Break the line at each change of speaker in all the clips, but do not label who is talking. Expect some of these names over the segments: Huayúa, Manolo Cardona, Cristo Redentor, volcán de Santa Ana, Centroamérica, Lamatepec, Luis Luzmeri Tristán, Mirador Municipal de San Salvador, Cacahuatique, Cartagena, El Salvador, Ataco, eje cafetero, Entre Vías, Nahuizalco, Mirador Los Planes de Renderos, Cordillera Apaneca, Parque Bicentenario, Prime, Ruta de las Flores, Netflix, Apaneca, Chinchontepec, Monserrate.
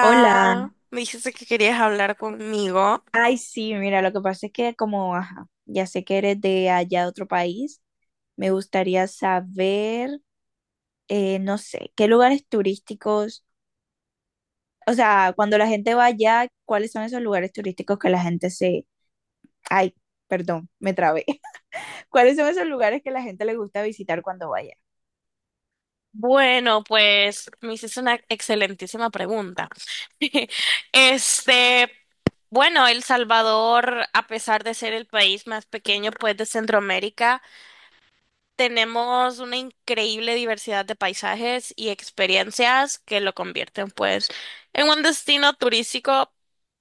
Hola,
me dijiste que querías hablar conmigo.
ay sí, mira, lo que pasa es que como, ajá, ya sé que eres de allá de otro país, me gustaría saber, no sé, qué lugares turísticos, o sea, cuando la gente va allá, ¿cuáles son esos lugares turísticos que la gente se, ay, perdón, me trabé, ¿cuáles son esos lugares que la gente le gusta visitar cuando vaya?
Bueno, pues me hiciste una excelentísima pregunta. Este, bueno, El Salvador, a pesar de ser el país más pequeño, pues, de Centroamérica, tenemos una increíble diversidad de paisajes y experiencias que lo convierten, pues, en un destino turístico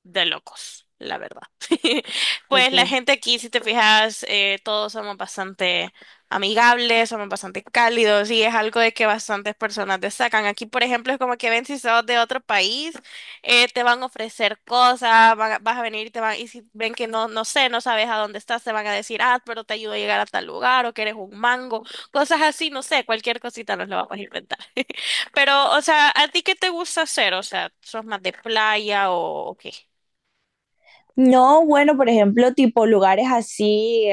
de locos, la verdad. Pues la
Okay.
gente aquí, si te fijas, todos somos bastante amigables, somos bastante cálidos y es algo de que bastantes personas destacan. Aquí, por ejemplo, es como que ven si sos de otro país te van a ofrecer cosas, vas a venir y te van, y si ven que no, no sé, no sabes a dónde estás, te van a decir, ah, pero te ayudo a llegar a tal lugar o que eres un mango, cosas así, no sé, cualquier cosita nos la vamos a inventar. Pero, o sea, ¿a ti qué te gusta hacer? O sea, ¿sos más de playa o qué?
No, bueno, por ejemplo, tipo lugares así.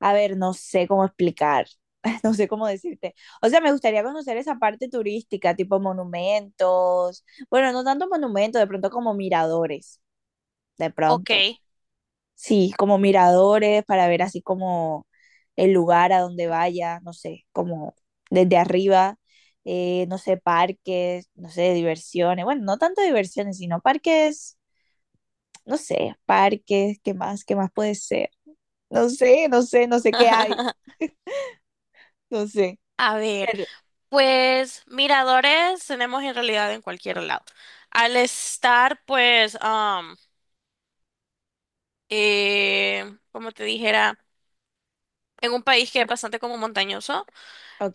A ver, no sé cómo explicar, no sé cómo decirte. O sea, me gustaría conocer esa parte turística, tipo monumentos. Bueno, no tanto monumentos, de pronto como miradores, de
Ok.
pronto. Sí, como miradores para ver así como el lugar a donde vaya, no sé, como desde arriba, no sé, parques, no sé, diversiones. Bueno, no tanto diversiones, sino parques, no sé, parques, ¿qué más? ¿Qué más puede ser? No sé, no sé, no sé qué hay, no sé.
A ver, pues miradores tenemos en realidad en cualquier lado. Al estar, pues, eh, como te dijera, en un país que es bastante como montañoso,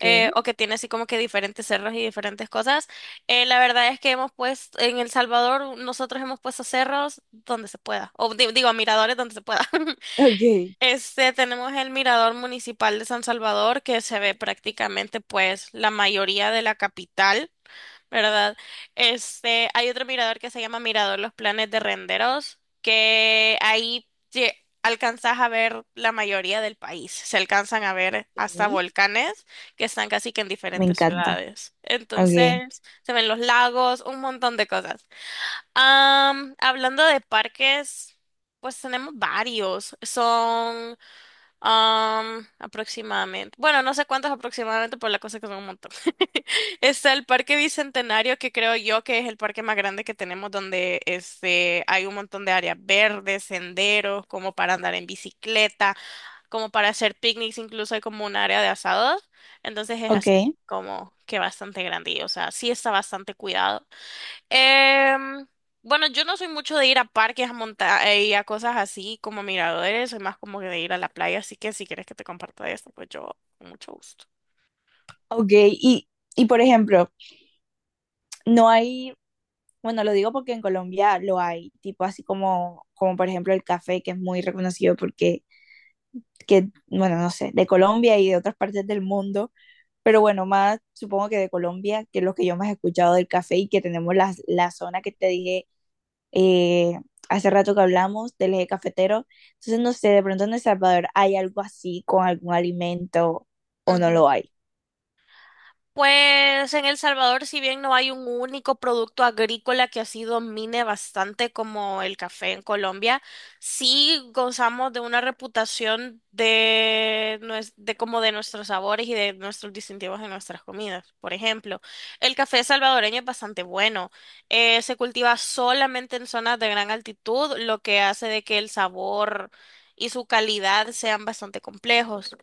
o que tiene así como que diferentes cerros y diferentes cosas. La verdad es que hemos puesto, en El Salvador, nosotros hemos puesto cerros donde se pueda, o digo, miradores donde se pueda.
ok.
Tenemos el Mirador Municipal de San Salvador, que se ve prácticamente pues la mayoría de la capital. ¿Verdad? Hay otro mirador que se llama Mirador Los Planes de Renderos, que ahí alcanzas a ver la mayoría del país. Se alcanzan a ver hasta
Ok,
volcanes que están casi que en
me
diferentes
encanta.
ciudades.
Ok,
Entonces, se ven los lagos, un montón de cosas. Hablando de parques, pues tenemos varios. Aproximadamente. Bueno, no sé cuántos aproximadamente, pero la cosa es que son un montón. Está el Parque Bicentenario, que creo yo que es el parque más grande que tenemos, donde este, hay un montón de áreas verdes, senderos, como para andar en bicicleta, como para hacer picnics, incluso hay como un área de asados. Entonces es
ok,
así como que bastante grande, y, o sea, sí está bastante cuidado. Em, bueno, yo no soy mucho de ir a parques, a montar y a cosas así como miradores, soy más como que de ir a la playa, así que si quieres que te comparta esto, pues yo con mucho gusto.
ok. Y por ejemplo, no hay, bueno, lo digo porque en Colombia lo hay, tipo así como, como por ejemplo el café, que es muy reconocido porque, que, bueno, no sé, de Colombia y de otras partes del mundo, pero bueno, más supongo que de Colombia, que es lo que yo más he escuchado del café y que tenemos la zona que te dije eh, hace rato que hablamos del eje cafetero. Entonces, no sé, de pronto en El Salvador hay algo así con algún alimento o no lo hay.
Pues en El Salvador, si bien no hay un único producto agrícola que así domine bastante como el café en Colombia, sí gozamos de una reputación de, de como de nuestros sabores y de nuestros distintivos en nuestras comidas. Por ejemplo, el café salvadoreño es bastante bueno. Se cultiva solamente en zonas de gran altitud, lo que hace de que el sabor y su calidad sean bastante complejos.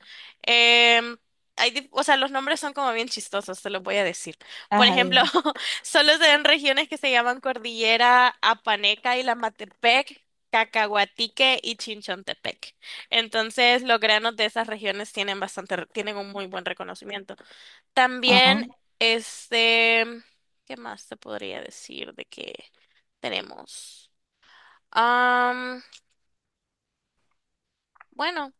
Em, hay, o sea, los nombres son como bien chistosos, te los voy a decir. Por
Ajá,
ejemplo,
dime.
solo se ven regiones que se llaman Cordillera Apaneca y Lamatepec, Cacahuatique y Chinchontepec. Entonces, los granos de esas regiones tienen bastante, tienen un muy buen reconocimiento.
Ajá.
También, este, ¿qué más te podría decir de que tenemos? Am, bueno.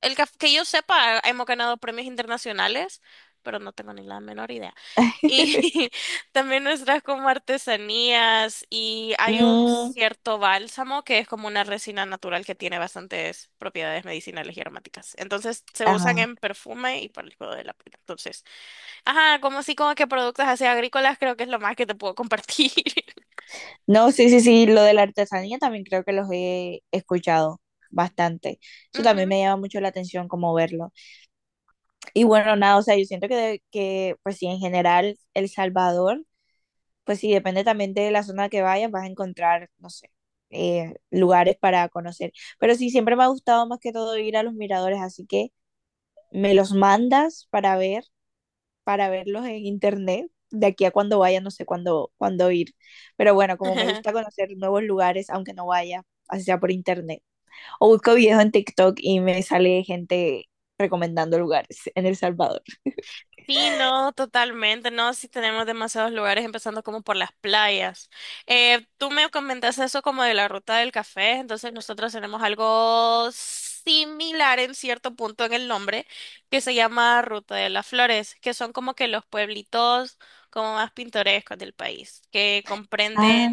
El que yo sepa, hemos ganado premios internacionales, pero no tengo ni la menor idea. Y también nuestras como artesanías y hay un
Mm,
cierto bálsamo que es como una resina natural que tiene bastantes propiedades medicinales y aromáticas. Entonces se usan
ajá.
en perfume y para el cuidado de la piel. Entonces, ajá, como así como que productos así agrícolas creo que es lo más que te puedo compartir.
No, sí, sí, sí, lo de la artesanía también creo que los he escuchado bastante. Eso también
Ujú.
me llama mucho la atención como verlo. Y bueno, nada, o sea, yo siento que, de- que pues sí, en general El Salvador. Pues sí, depende también de la zona que vayas, vas a encontrar, no sé, lugares para conocer. Pero sí, siempre me ha gustado más que todo ir a los miradores, así que me los mandas para ver, para verlos en internet. De aquí a cuando vaya, no sé cuándo, cuándo ir. Pero bueno, como me gusta conocer nuevos lugares, aunque no vaya, así sea por internet. O busco videos en TikTok y me sale gente recomendando lugares en El Salvador.
Sí, no, totalmente, no, sí tenemos demasiados lugares, empezando como por las playas. Tú me comentaste eso como de la ruta del café, entonces nosotros tenemos algo similar en cierto punto en el nombre, que se llama Ruta de las Flores, que son como que los pueblitos como más pintorescos del país, que comprenden
Ah,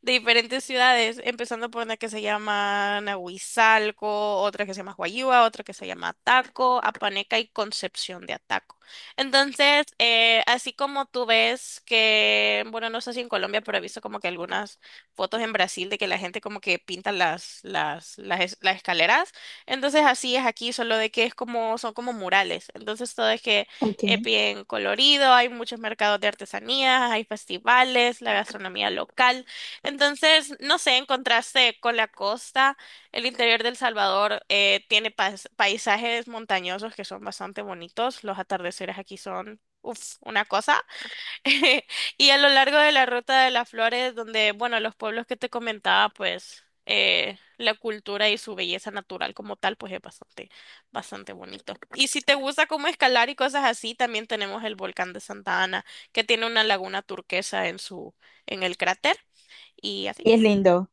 de diferentes ciudades, empezando por una que se llama Nahuizalco, otra que se llama Huayúa, otra que se llama Ataco, Apaneca y Concepción de Ataco. Entonces, así como tú ves que, bueno, no sé si en Colombia, pero he visto como que algunas fotos en Brasil de que la gente como que pinta las escaleras. Entonces, así es aquí, solo de que es como, son como murales. Entonces, todo es que
ok.
es
Y
bien colorido, hay muchos mercados de artesanías, hay festivales, la gastronomía local. Entonces, no sé, en contraste con la costa, el interior del Salvador tiene paisajes montañosos que son bastante bonitos. Los atardeceres aquí son, uff, una cosa. Y a lo largo de la Ruta de las Flores, donde, bueno, los pueblos que te comentaba, pues la cultura y su belleza natural como tal, pues es bastante, bastante bonito. Y si te gusta como escalar y cosas así, también tenemos el volcán de Santa Ana, que tiene una laguna turquesa en su, en el cráter y así.
es lindo.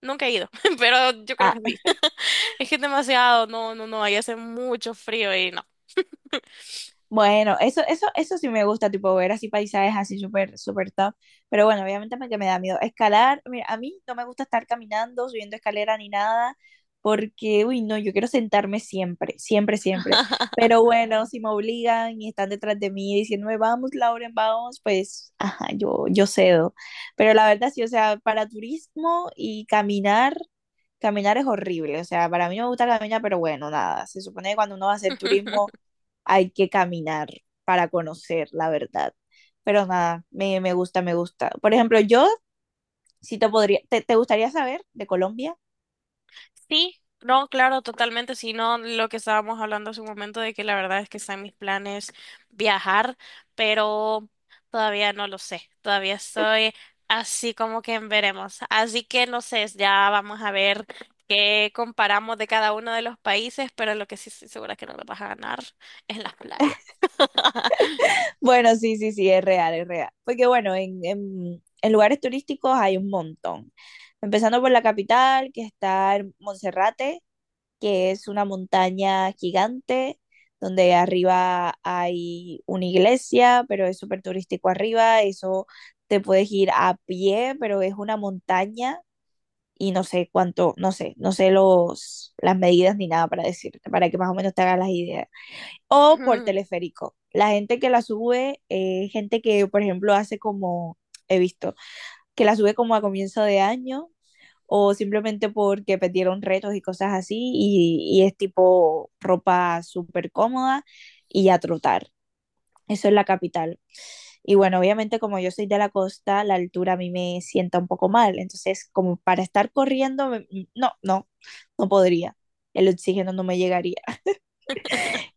Nunca he ido, pero yo creo que sí. Es que es demasiado, no, no, no, ahí hace mucho frío y no.
Bueno, eso sí me gusta, tipo ver así paisajes así súper, súper top. Pero bueno, obviamente me, que me da miedo. Escalar, mira, a mí no me gusta estar caminando, subiendo escalera ni nada, porque, uy, no, yo quiero sentarme siempre, siempre, siempre. Pero bueno, si me obligan y están detrás de mí diciéndome, vamos, Lauren, vamos, pues, ajá, yo cedo. Pero la verdad sí, o sea, para turismo y caminar, caminar es horrible. O sea, para mí no me gusta caminar, pero bueno, nada, se supone que cuando uno va a hacer turismo hay que caminar para conocer la verdad. Pero nada, me gusta, me gusta. Por ejemplo, yo si te podría, te, ¿gustaría saber de Colombia?
Sí, no, claro, totalmente, si no lo que estábamos hablando hace un momento de que la verdad es que están mis planes viajar, pero todavía no lo sé, todavía estoy así como que en veremos. Así que no sé, ya vamos a ver qué comparamos de cada uno de los países, pero lo que sí estoy segura que no lo vas a ganar es las playas.
Bueno, sí, sí, sí, es real, es real. Porque bueno, en lugares turísticos hay un montón. Empezando por la capital, que está en Monserrate, que es una montaña gigante, donde arriba hay una iglesia, pero es súper turístico arriba, eso te puedes ir a pie, pero es una montaña y no sé cuánto, no sé, no sé los, las medidas ni nada para decirte, para que más o menos te hagas las ideas. O por teleférico. La gente que la sube, gente que, por ejemplo, hace como, he visto, que la sube como a comienzo de año o simplemente porque perdieron retos y cosas así y es tipo ropa súper cómoda y a trotar. Eso es la capital. Y bueno, obviamente como yo soy de la costa, la altura a mí me sienta un poco mal. Entonces, como para estar corriendo, me- no, no, no podría. El oxígeno no me llegaría.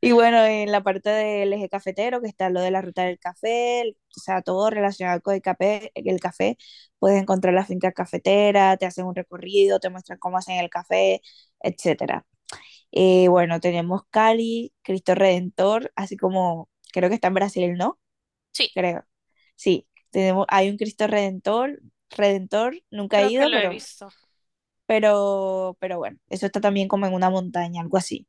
Y bueno, en la parte del eje cafetero, que está lo de la ruta del café, el- o sea, todo relacionado con el café, puedes encontrar la finca cafetera, te hacen un recorrido, te muestran cómo hacen el café, etcétera. Bueno, tenemos Cali, Cristo Redentor, así como creo que está en Brasil, ¿no?
Sí,
Creo. Sí, tenemos, hay un Cristo Redentor, Redentor, nunca he
creo que
ido,
lo he visto.
pero bueno, eso está también como en una montaña, algo así.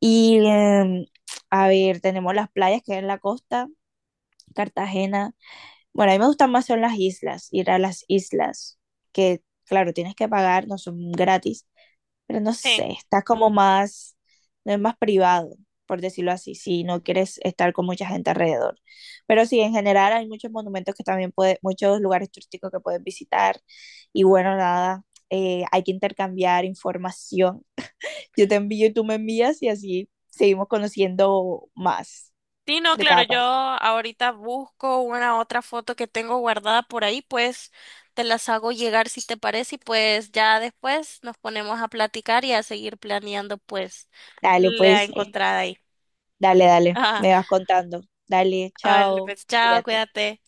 Y a ver, tenemos las playas que hay en la costa, Cartagena. Bueno, a mí me gustan más son las islas, ir a las islas, que claro, tienes que pagar, no son gratis, pero no sé,
Sí.
está como más, no es más privado, por decirlo así, si no quieres estar con mucha gente alrededor. Pero sí, en general hay muchos monumentos que también puedes, muchos lugares turísticos que puedes visitar y bueno, nada, hay que intercambiar información. Yo te envío y tú me envías y así seguimos conociendo más
Sí, no,
de
claro,
cada
yo
país.
ahorita busco una otra foto que tengo guardada por ahí, pues te las hago llegar si te parece y pues ya después nos ponemos a platicar y a seguir planeando pues
Dale,
la
pues,
encontrada ahí.
dale, dale,
Ajá.
me vas contando. Dale,
Vale,
chao,
pues chao,
cuídate.
cuídate.